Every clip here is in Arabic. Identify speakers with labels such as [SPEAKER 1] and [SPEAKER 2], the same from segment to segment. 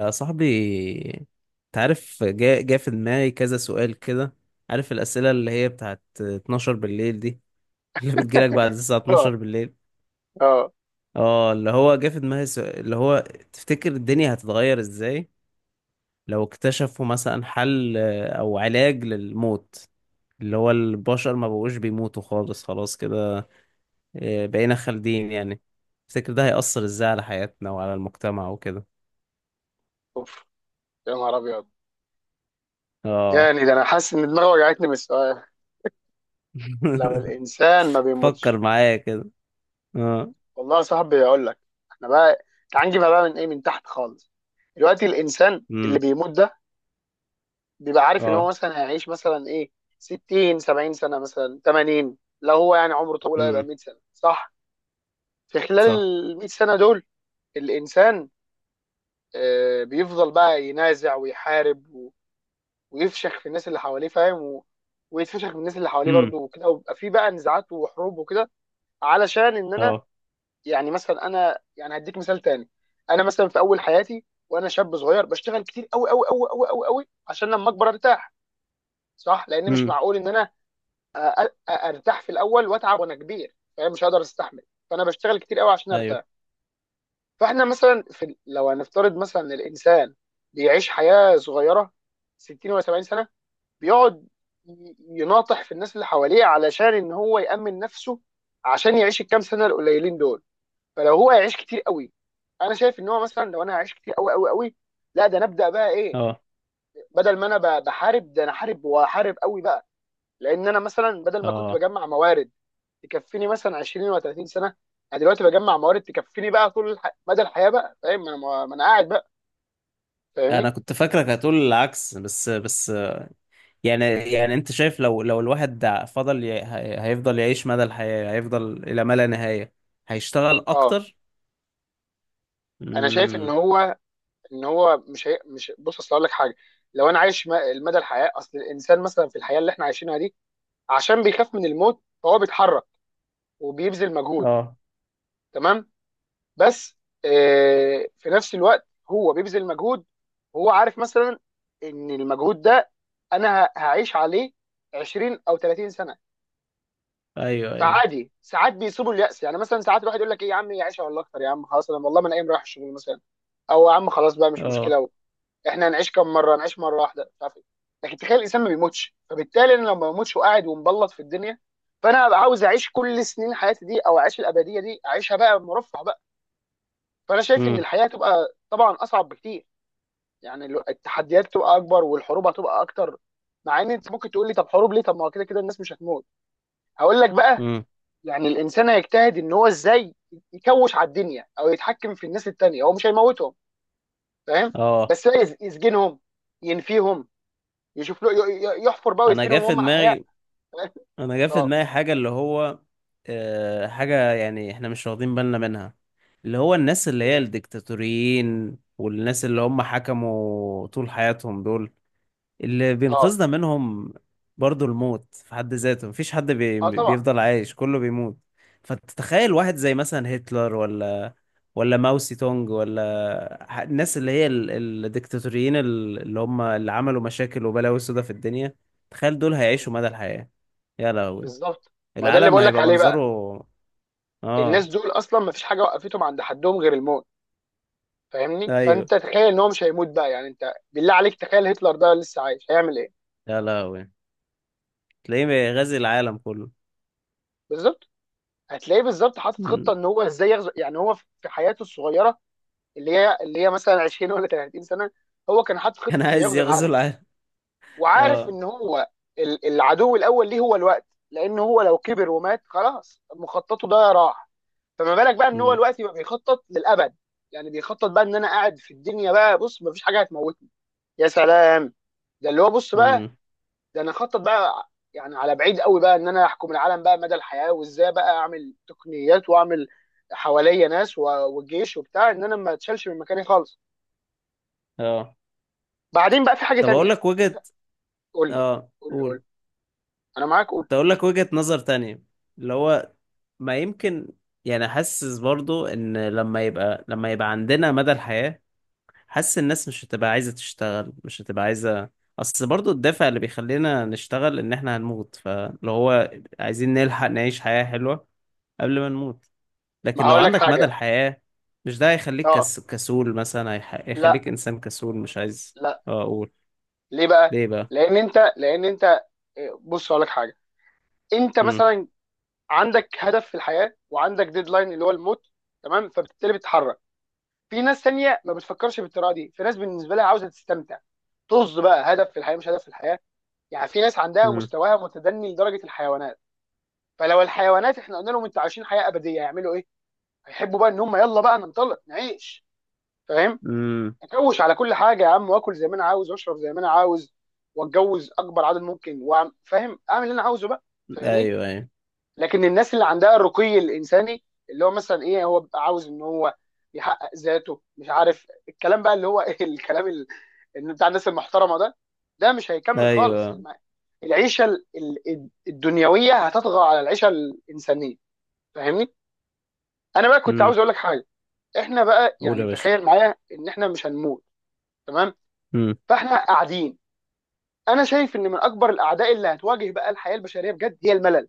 [SPEAKER 1] يا صاحبي، تعرف جاء في دماغي كذا سؤال كده. عارف الأسئلة اللي هي بتاعت 12 بالليل دي؟ اللي بتجيلك بعد الساعة
[SPEAKER 2] اه
[SPEAKER 1] 12 بالليل.
[SPEAKER 2] اه
[SPEAKER 1] اه، اللي هو جاء في دماغي سؤال اللي هو تفتكر الدنيا هتتغير ازاي لو اكتشفوا مثلا حل، أو علاج للموت، اللي هو البشر ما بقوش بيموتوا خالص، خلاص كده، بقينا خالدين يعني. تفتكر ده هيأثر ازاي على حياتنا وعلى المجتمع وكده؟
[SPEAKER 2] اوف، يا نهار ابيض.
[SPEAKER 1] اه.
[SPEAKER 2] يعني ده انا حاسس ان دماغي وجعتني من السؤال. لو الانسان ما
[SPEAKER 1] فكر
[SPEAKER 2] بيموتش.
[SPEAKER 1] معايا كده. آه.
[SPEAKER 2] والله يا صاحبي اقول لك، احنا بقى تعال نجيبها بقى من ايه، من تحت خالص. دلوقتي الانسان اللي
[SPEAKER 1] امم.
[SPEAKER 2] بيموت ده بيبقى عارف ان هو
[SPEAKER 1] اه.
[SPEAKER 2] مثلا هيعيش مثلا ايه، 60 70 سنه، مثلا 80، لو هو يعني عمره طويل هيبقى
[SPEAKER 1] امم.
[SPEAKER 2] 100 سنه، صح؟ في خلال
[SPEAKER 1] صح.
[SPEAKER 2] ال 100 سنه دول الانسان بيفضل بقى ينازع ويحارب ويفشخ في الناس اللي حواليه، فاهم؟ ويتفشخ من الناس اللي حواليه
[SPEAKER 1] امم.
[SPEAKER 2] برضه وكده، ويبقى في بقى نزاعات وحروب وكده. علشان ان انا،
[SPEAKER 1] اه.
[SPEAKER 2] يعني مثلا انا يعني هديك مثال تاني. انا مثلا في اول حياتي وانا شاب صغير بشتغل كتير قوي قوي قوي قوي قوي قوي عشان لما اكبر ارتاح، صح؟ لان مش
[SPEAKER 1] امم.
[SPEAKER 2] معقول ان انا أ- ارتاح في الاول واتعب وانا كبير، فاهم؟ مش هقدر استحمل، فانا بشتغل كتير قوي عشان
[SPEAKER 1] ايوه.
[SPEAKER 2] ارتاح. فاحنا مثلا لو هنفترض مثلا إن الانسان بيعيش حياه صغيره، 60 ولا 70 سنه، بيقعد يناطح في الناس اللي حواليه علشان ان هو يأمن نفسه، عشان يعيش الكام سنه القليلين دول. فلو هو هيعيش كتير قوي، انا شايف ان هو، مثلا لو انا هعيش كتير قوي قوي قوي، لا ده نبدا بقى ايه،
[SPEAKER 1] اه.
[SPEAKER 2] بدل ما انا بحارب ده انا حارب وحارب قوي بقى. لان انا مثلا بدل ما كنت
[SPEAKER 1] اه.
[SPEAKER 2] بجمع موارد تكفيني مثلا 20 و30 سنه، انا دلوقتي بجمع موارد تكفيني بقى طول مدى الحياه بقى، فاهم؟ ما انا قاعد بقى.
[SPEAKER 1] انا
[SPEAKER 2] فاهمني؟
[SPEAKER 1] كنت فاكرك هتقول العكس بس. يعني انت شايف لو الواحد فضل هيفضل يعيش مدى الحياة، هيفضل الى ما لا نهاية، هيشتغل
[SPEAKER 2] اه،
[SPEAKER 1] اكتر.
[SPEAKER 2] انا شايف ان
[SPEAKER 1] امم.
[SPEAKER 2] هو، مش، بص اصل اقول لك حاجه. لو انا عايش المدى الحياه، اصل الانسان مثلا في الحياه اللي احنا عايشينها دي عشان بيخاف من الموت فهو بيتحرك وبيبذل مجهود،
[SPEAKER 1] اه.
[SPEAKER 2] تمام؟ بس في نفس الوقت هو بيبذل مجهود، هو عارف مثلا ان المجهود ده انا هعيش عليه 20 او 30 سنه.
[SPEAKER 1] ايوه ايوه.
[SPEAKER 2] فعادي ساعات بيصيبوا اليأس، يعني مثلا ساعات الواحد يقول لك ايه يا عم يعيش والله اكتر، يا عم خلاص انا والله ما انا قايم رايح الشغل مثلا، او يا عم خلاص بقى مش
[SPEAKER 1] اه.
[SPEAKER 2] مشكله، احنا هنعيش كام مره، هنعيش مره واحده، مش عارف ايه. لكن تخيل الانسان ما بيموتش، فبالتالي انا لو ما بموتش وقاعد ومبلط في الدنيا، فانا هبقى عاوز اعيش كل سنين حياتي دي او اعيش الابديه دي اعيشها بقى مرفه بقى. فانا شايف ان
[SPEAKER 1] امم.
[SPEAKER 2] الحياه تبقى طبعا اصعب بكتير، يعني التحديات تبقى اكبر والحروب هتبقى اكتر. مع ان انت ممكن تقول لي طب حروب ليه، طب ما هو كده كده الناس مش هتموت. هقول لك بقى،
[SPEAKER 1] امم.
[SPEAKER 2] يعني الانسان هيجتهد ان هو ازاي يكوش على الدنيا او يتحكم في الناس التانيه. هو مش هيموتهم، فاهم؟
[SPEAKER 1] اه.
[SPEAKER 2] بس لا يسجنهم، ينفيهم، يشوف له يحفر بقى
[SPEAKER 1] انا جه
[SPEAKER 2] ويدفنهم
[SPEAKER 1] في
[SPEAKER 2] وهم احياء.
[SPEAKER 1] دماغي، انا جا في
[SPEAKER 2] اه،
[SPEAKER 1] دماغي حاجه اللي هو، حاجه يعني احنا مش واخدين بالنا منها، اللي هو الناس اللي هي
[SPEAKER 2] يعني،
[SPEAKER 1] الديكتاتوريين والناس اللي هم حكموا طول حياتهم دول، اللي
[SPEAKER 2] اه.
[SPEAKER 1] بينقذنا منهم برضو الموت في حد ذاته. مفيش حد
[SPEAKER 2] اه طبعا.
[SPEAKER 1] بيفضل عايش، كله بيموت. فتتخيل واحد زي مثلا هتلر، ولا ماو سي تونج، ولا الناس اللي هي الديكتاتوريين، اللي هم اللي عملوا مشاكل وبلاوي سودا في الدنيا، تخيل دول
[SPEAKER 2] مم.
[SPEAKER 1] هيعيشوا مدى الحياة. يا لهوي،
[SPEAKER 2] بالظبط. ما ده اللي
[SPEAKER 1] العالم
[SPEAKER 2] بقول لك
[SPEAKER 1] هيبقى
[SPEAKER 2] عليه بقى.
[SPEAKER 1] منظره. اه.
[SPEAKER 2] الناس دول اصلا ما فيش حاجه وقفتهم عند حدهم غير الموت. فاهمني؟
[SPEAKER 1] ايوه.
[SPEAKER 2] فانت تخيل ان هو مش هيموت بقى، يعني انت بالله عليك تخيل هتلر ده لسه عايش هيعمل ايه.
[SPEAKER 1] يا لهوي. تلاقيه غازي العالم كله.
[SPEAKER 2] بالظبط، هتلاقيه بالظبط حاطط خطه
[SPEAKER 1] مم.
[SPEAKER 2] ان هو ازاي يغزو، يعني هو في حياته الصغيره اللي هي مثلا 20 ولا 30 سنه، هو كان حاطط خطه
[SPEAKER 1] كان
[SPEAKER 2] انه
[SPEAKER 1] عايز
[SPEAKER 2] يغزو
[SPEAKER 1] يغزو
[SPEAKER 2] العالم،
[SPEAKER 1] العالم.
[SPEAKER 2] وعارف
[SPEAKER 1] اه.
[SPEAKER 2] ان هو العدو الاول ليه هو الوقت، لان هو لو كبر ومات خلاص مخططه ده راح. فما بالك بقى ان هو
[SPEAKER 1] مم.
[SPEAKER 2] دلوقتي بقى بيخطط للابد. يعني بيخطط بقى ان انا قاعد في الدنيا بقى، بص مفيش حاجه هتموتني، يا سلام. ده اللي هو بص بقى،
[SPEAKER 1] مم.
[SPEAKER 2] ده انا اخطط بقى يعني على بعيد قوي بقى ان انا احكم العالم بقى مدى الحياه، وازاي بقى اعمل تقنيات واعمل حواليا ناس والجيش وبتاع، ان انا ما اتشالش من مكاني خالص.
[SPEAKER 1] اه.
[SPEAKER 2] بعدين بقى في حاجه
[SPEAKER 1] طب اقول
[SPEAKER 2] تانيه.
[SPEAKER 1] لك وجهة.
[SPEAKER 2] قول لي،
[SPEAKER 1] اه
[SPEAKER 2] قول لي.
[SPEAKER 1] قول.
[SPEAKER 2] انا معاك قول.
[SPEAKER 1] كنت اقول لك وجهة نظر تانية، اللي هو ما يمكن يعني حاسس برضو ان لما يبقى عندنا مدى الحياة، حاسس الناس مش هتبقى عايزة تشتغل، مش هتبقى عايزة. اصل برضو الدافع اللي بيخلينا نشتغل ان احنا هنموت، فلو هو عايزين نلحق نعيش حياة حلوة قبل ما نموت،
[SPEAKER 2] ما
[SPEAKER 1] لكن لو
[SPEAKER 2] هقول لك
[SPEAKER 1] عندك مدى
[SPEAKER 2] حاجه.
[SPEAKER 1] الحياة، مش ده هيخليك
[SPEAKER 2] اه،
[SPEAKER 1] كسول مثلا،
[SPEAKER 2] لا
[SPEAKER 1] هيخليك انسان كسول مش عايز.
[SPEAKER 2] لا،
[SPEAKER 1] اقول
[SPEAKER 2] ليه بقى؟
[SPEAKER 1] ليه بقى.
[SPEAKER 2] لان انت، لان انت، بص اقول لك حاجه. انت
[SPEAKER 1] امم.
[SPEAKER 2] مثلا عندك هدف في الحياه وعندك ديدلاين اللي هو الموت، تمام؟ فبالتالي بتتحرك. في ناس تانية ما بتفكرش بالطريقه دي، في ناس بالنسبه لها عاوزه تستمتع، طز بقى هدف في الحياه مش هدف في الحياه. يعني في ناس عندها
[SPEAKER 1] امم.
[SPEAKER 2] مستواها متدني لدرجه الحيوانات. فلو الحيوانات احنا قلنا لهم انتوا عايشين حياه ابديه هيعملوا ايه؟ هيحبوا بقى ان هم يلا بقى ننطلق نعيش، فاهم؟
[SPEAKER 1] امم.
[SPEAKER 2] اكوش على كل حاجه يا عم، واكل زي ما انا عاوز، واشرب زي ما انا عاوز، واتجوز اكبر عدد ممكن، فاهم اعمل اللي انا عاوزه بقى. فاهمني؟
[SPEAKER 1] ايوه ايوه
[SPEAKER 2] لكن الناس اللي عندها الرقي الانساني، اللي هو مثلا ايه، هو بيبقى عاوز ان هو يحقق ذاته، مش عارف الكلام بقى اللي هو إيه الكلام اللي بتاع الناس المحترمه ده، ده مش هيكمل خالص.
[SPEAKER 1] ايوه.
[SPEAKER 2] العيشه الدنيويه هتطغى على العيشه الانسانيه، فاهمني؟ انا بقى كنت عاوز
[SPEAKER 1] امم.
[SPEAKER 2] اقول لك حاجه، احنا بقى
[SPEAKER 1] قول يا
[SPEAKER 2] يعني
[SPEAKER 1] باشا.
[SPEAKER 2] تخيل معايا ان احنا مش هنموت، تمام؟
[SPEAKER 1] امم.
[SPEAKER 2] فاحنا قاعدين، انا شايف ان من اكبر الاعداء اللي هتواجه بقى الحياه البشريه بجد هي الملل.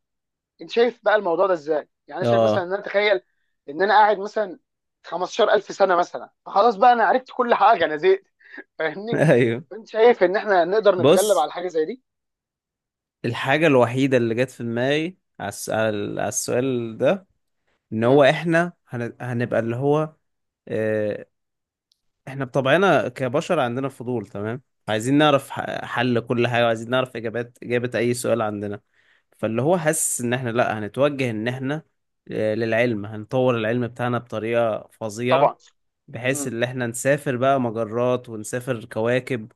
[SPEAKER 2] انت شايف بقى الموضوع ده ازاي؟ يعني انا شايف مثلا
[SPEAKER 1] اه.
[SPEAKER 2] ان انا اتخيل ان انا قاعد مثلا 15,000 سنه مثلا، فخلاص بقى انا عرفت كل حاجه، انا زهقت، فاهمني؟
[SPEAKER 1] ايوه.
[SPEAKER 2] انت شايف ان احنا نقدر نتغلب
[SPEAKER 1] بص،
[SPEAKER 2] على حاجه زي دي؟
[SPEAKER 1] الحاجة الوحيدة اللي جت في دماغي على على على السؤال ده ان
[SPEAKER 2] امم.
[SPEAKER 1] هو احنا هنبقى اللي هو، آه، احنا بطبعنا كبشر عندنا فضول، تمام. عايزين نعرف حل كل حاجة، وعايزين نعرف اجابات، اجابة اي سؤال عندنا. فاللي هو حاسس ان احنا لا هنتوجه ان احنا للعلم، هنطور العلم بتاعنا بطريقة فظيعة
[SPEAKER 2] طبعا.
[SPEAKER 1] بحيث
[SPEAKER 2] امم.
[SPEAKER 1] ان احنا نسافر بقى مجرات ونسافر كواكب،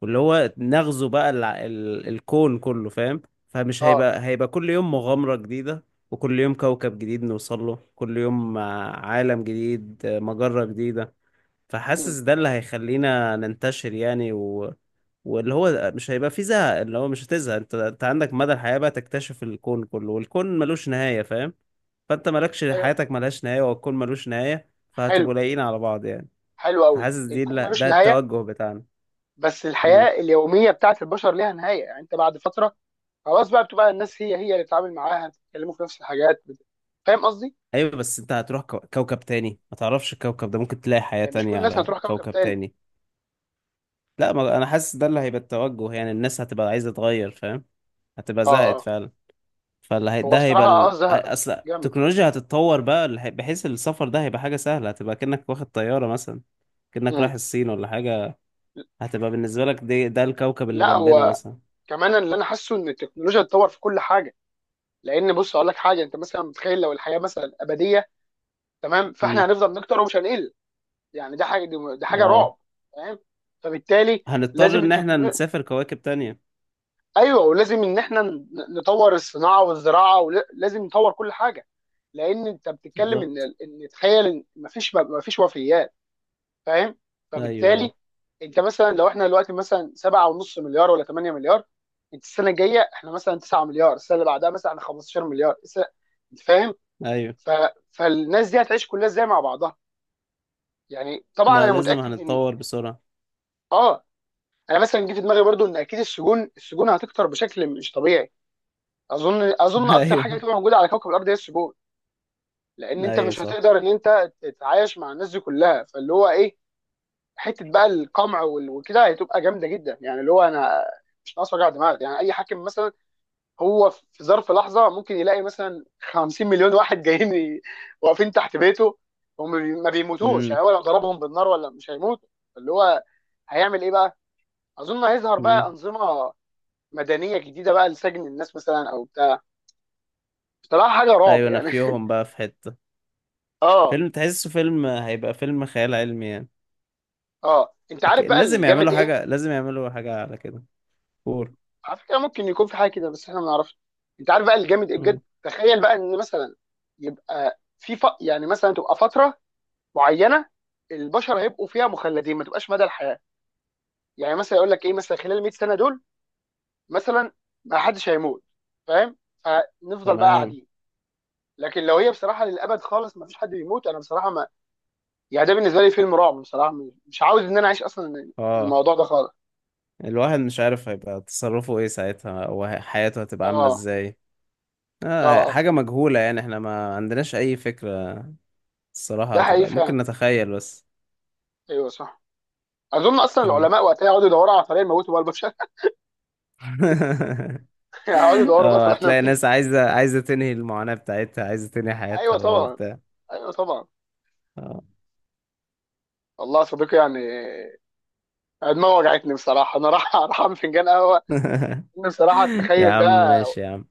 [SPEAKER 1] واللي هو نغزو بقى الكون كله، فاهم. فمش
[SPEAKER 2] اه.
[SPEAKER 1] هيبقى كل يوم مغامرة جديدة، وكل يوم كوكب جديد نوصل له، كل يوم عالم جديد، مجرة جديدة.
[SPEAKER 2] امم.
[SPEAKER 1] فحاسس ده اللي هيخلينا ننتشر يعني، و... واللي هو مش هيبقى فيه زهق، اللي هو مش هتزهق، انت عندك مدى الحياة بقى تكتشف الكون كله، والكون ملوش نهاية، فاهم. فانت مالكش،
[SPEAKER 2] ايوه.
[SPEAKER 1] حياتك ملهاش نهاية والكون ملوش نهاية،
[SPEAKER 2] حلو.
[SPEAKER 1] فهتبقوا لايقين على بعض يعني.
[SPEAKER 2] حلو قوي،
[SPEAKER 1] فحاسس دي،
[SPEAKER 2] الكون
[SPEAKER 1] لا،
[SPEAKER 2] ملوش
[SPEAKER 1] ده
[SPEAKER 2] نهايه.
[SPEAKER 1] التوجه بتاعنا.
[SPEAKER 2] بس الحياه
[SPEAKER 1] مم.
[SPEAKER 2] اليوميه بتاعت البشر ليها نهايه، يعني انت بعد فتره خلاص بقى، بتبقى الناس هي هي اللي بتتعامل معاها، بتتكلموا في نفس الحاجات فاهم قصدي؟
[SPEAKER 1] ايوه، بس انت هتروح كوكب تاني، ما تعرفش الكوكب ده، ممكن تلاقي حياة
[SPEAKER 2] يعني مش كل
[SPEAKER 1] تانية
[SPEAKER 2] الناس
[SPEAKER 1] على
[SPEAKER 2] هتروح كوكب
[SPEAKER 1] كوكب
[SPEAKER 2] تاني.
[SPEAKER 1] تاني. لا، ما، انا حاسس ده اللي هيبقى التوجه يعني، الناس هتبقى عايزة تغير فاهم، هتبقى
[SPEAKER 2] اه
[SPEAKER 1] زهقت
[SPEAKER 2] اه.
[SPEAKER 1] فعلا. فاللي هي،
[SPEAKER 2] هو
[SPEAKER 1] ده
[SPEAKER 2] بصراحه
[SPEAKER 1] هيبقى ال،
[SPEAKER 2] اه زهق
[SPEAKER 1] اصل
[SPEAKER 2] جامد.
[SPEAKER 1] التكنولوجيا هتتطور بقى اللي بحيث السفر ده هيبقى حاجة سهلة، هتبقى كأنك واخد طيارة مثلا، كأنك رايح
[SPEAKER 2] مم.
[SPEAKER 1] الصين ولا حاجة، هتبقى بالنسبة لك دي، ده الكوكب اللي
[SPEAKER 2] لا
[SPEAKER 1] جنبنا
[SPEAKER 2] هو
[SPEAKER 1] مثلا.
[SPEAKER 2] كمان اللي انا حاسه ان التكنولوجيا اتطور في كل حاجه. لان بص اقول لك حاجه، انت مثلا متخيل لو الحياه مثلا ابديه، تمام؟
[SPEAKER 1] مم.
[SPEAKER 2] فاحنا هنفضل نكتر ومش هنقل. يعني ده حاجه، دي حاجه
[SPEAKER 1] اه،
[SPEAKER 2] رعب، فاهم؟ فبالتالي
[SPEAKER 1] هنضطر
[SPEAKER 2] لازم
[SPEAKER 1] ان احنا
[SPEAKER 2] التكنولوجيا،
[SPEAKER 1] نسافر كواكب تانية.
[SPEAKER 2] ايوه، ولازم ان احنا نطور الصناعه والزراعه، ولازم نطور كل حاجه. لان انت بتتكلم ان
[SPEAKER 1] بالظبط.
[SPEAKER 2] ان تخيل ان مفيش وفيات، فاهم؟
[SPEAKER 1] ايوه
[SPEAKER 2] فبالتالي انت مثلا لو احنا دلوقتي مثلا 7.5 مليار ولا 8 مليار، انت السنه الجايه احنا مثلا 9 مليار، السنه اللي بعدها مثلا احنا 15 مليار، انت فاهم؟
[SPEAKER 1] ايوه.
[SPEAKER 2] ف... فالناس دي هتعيش كلها ازاي مع بعضها؟ يعني طبعا
[SPEAKER 1] لا
[SPEAKER 2] انا
[SPEAKER 1] لازم
[SPEAKER 2] متاكد ان،
[SPEAKER 1] هنتطور بسرعة.
[SPEAKER 2] اه، انا مثلا جه في دماغي برضو ان اكيد السجون هتكتر بشكل مش طبيعي. اظن اكتر حاجه
[SPEAKER 1] ايوه.
[SPEAKER 2] هتبقى موجوده على كوكب الارض هي السجون. لان انت
[SPEAKER 1] ايوه
[SPEAKER 2] مش
[SPEAKER 1] صح.
[SPEAKER 2] هتقدر ان انت تتعايش مع الناس دي كلها، فاللي هو ايه، حته بقى القمع وكده هتبقى جامده جدا. يعني اللي هو انا مش ناقص وجع دماغ، يعني اي حاكم مثلا هو في ظرف لحظه ممكن يلاقي مثلا 50 مليون واحد جايين واقفين تحت بيته، هم ما بيموتوش،
[SPEAKER 1] امم.
[SPEAKER 2] يعني هو لو ضربهم بالنار ولا مش هيموتوا، اللي هو هيعمل ايه بقى؟ اظن هيظهر بقى
[SPEAKER 1] امم.
[SPEAKER 2] انظمه مدنيه جديده بقى لسجن الناس مثلا او بتاع، بصراحه حاجه رعب
[SPEAKER 1] ايوه،
[SPEAKER 2] يعني.
[SPEAKER 1] نفيهم بقى في حتة.
[SPEAKER 2] اه.
[SPEAKER 1] فيلم، تحسه فيلم، هيبقى فيلم خيال علمي يعني.
[SPEAKER 2] اه انت عارف بقى
[SPEAKER 1] لازم
[SPEAKER 2] الجامد
[SPEAKER 1] يعملوا
[SPEAKER 2] ايه؟
[SPEAKER 1] حاجة، لازم يعملوا حاجة على كده فور.
[SPEAKER 2] على فكره ممكن يكون في حاجه كده بس احنا ما نعرفش. انت عارف بقى الجامد إيه بجد؟
[SPEAKER 1] امم.
[SPEAKER 2] تخيل بقى ان مثلا يبقى يعني مثلا تبقى فتره معينه البشر هيبقوا فيها مخلدين، ما تبقاش مدى الحياه. يعني مثلا يقول لك ايه، مثلا خلال 100 سنه دول مثلا ما حدش هيموت، فاهم؟ فنفضل بقى
[SPEAKER 1] تمام.
[SPEAKER 2] قاعدين. لكن لو هي بصراحه للابد خالص ما فيش حد بيموت، انا بصراحه ما، يعني ده بالنسبه لي فيلم رعب بصراحه، مش عاوز ان انا اعيش اصلا
[SPEAKER 1] اه.
[SPEAKER 2] الموضوع ده خالص.
[SPEAKER 1] الواحد مش عارف هيبقى تصرفه ايه ساعتها، او حياته هتبقى عاملة
[SPEAKER 2] اه.
[SPEAKER 1] ازاي.
[SPEAKER 2] اه. اه.
[SPEAKER 1] حاجة مجهولة يعني، احنا ما عندناش اي فكرة، الصراحة
[SPEAKER 2] ده حقيقي
[SPEAKER 1] هتبقى ممكن
[SPEAKER 2] فعلا.
[SPEAKER 1] نتخيل بس.
[SPEAKER 2] ايوه صح. اظن اصلا
[SPEAKER 1] آه.
[SPEAKER 2] العلماء وقتها يقعدوا يدوروا على طريقه يموتوا بقى البشر. يعني يقعدوا يدوروا بقى، طب
[SPEAKER 1] اه،
[SPEAKER 2] احنا
[SPEAKER 1] هتلاقي
[SPEAKER 2] مين؟
[SPEAKER 1] ناس عايزة تنهي المعاناة بتاعتها، عايزة تنهي حياتها
[SPEAKER 2] ايوه
[SPEAKER 1] بقى
[SPEAKER 2] طبعا.
[SPEAKER 1] وبتاع.
[SPEAKER 2] ايوه طبعا.
[SPEAKER 1] اه.
[SPEAKER 2] والله يا صديقي يعني، أنا دماغي وجعتني بصراحه، انا راح راح اعمل فنجان قهوه. إن بصراحه
[SPEAKER 1] يا
[SPEAKER 2] التخيل
[SPEAKER 1] عم
[SPEAKER 2] ده
[SPEAKER 1] ماشي يا عم.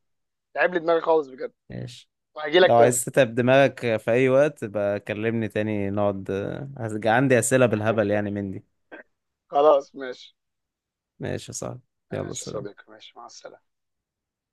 [SPEAKER 2] تعب لي دماغي خالص بجد.
[SPEAKER 1] ماشي.
[SPEAKER 2] وهجي
[SPEAKER 1] لو
[SPEAKER 2] لك تاني.
[SPEAKER 1] عايز تتعب دماغك في أي وقت بقى، كلمني تاني نقعد. هرجع، عندي أسئلة بالهبل يعني من دي.
[SPEAKER 2] خلاص ماشي.
[SPEAKER 1] ماشي يا صاحبي. يلا
[SPEAKER 2] ماشي يا صديقي،
[SPEAKER 1] سلام.
[SPEAKER 2] ماشي، مع السلامه.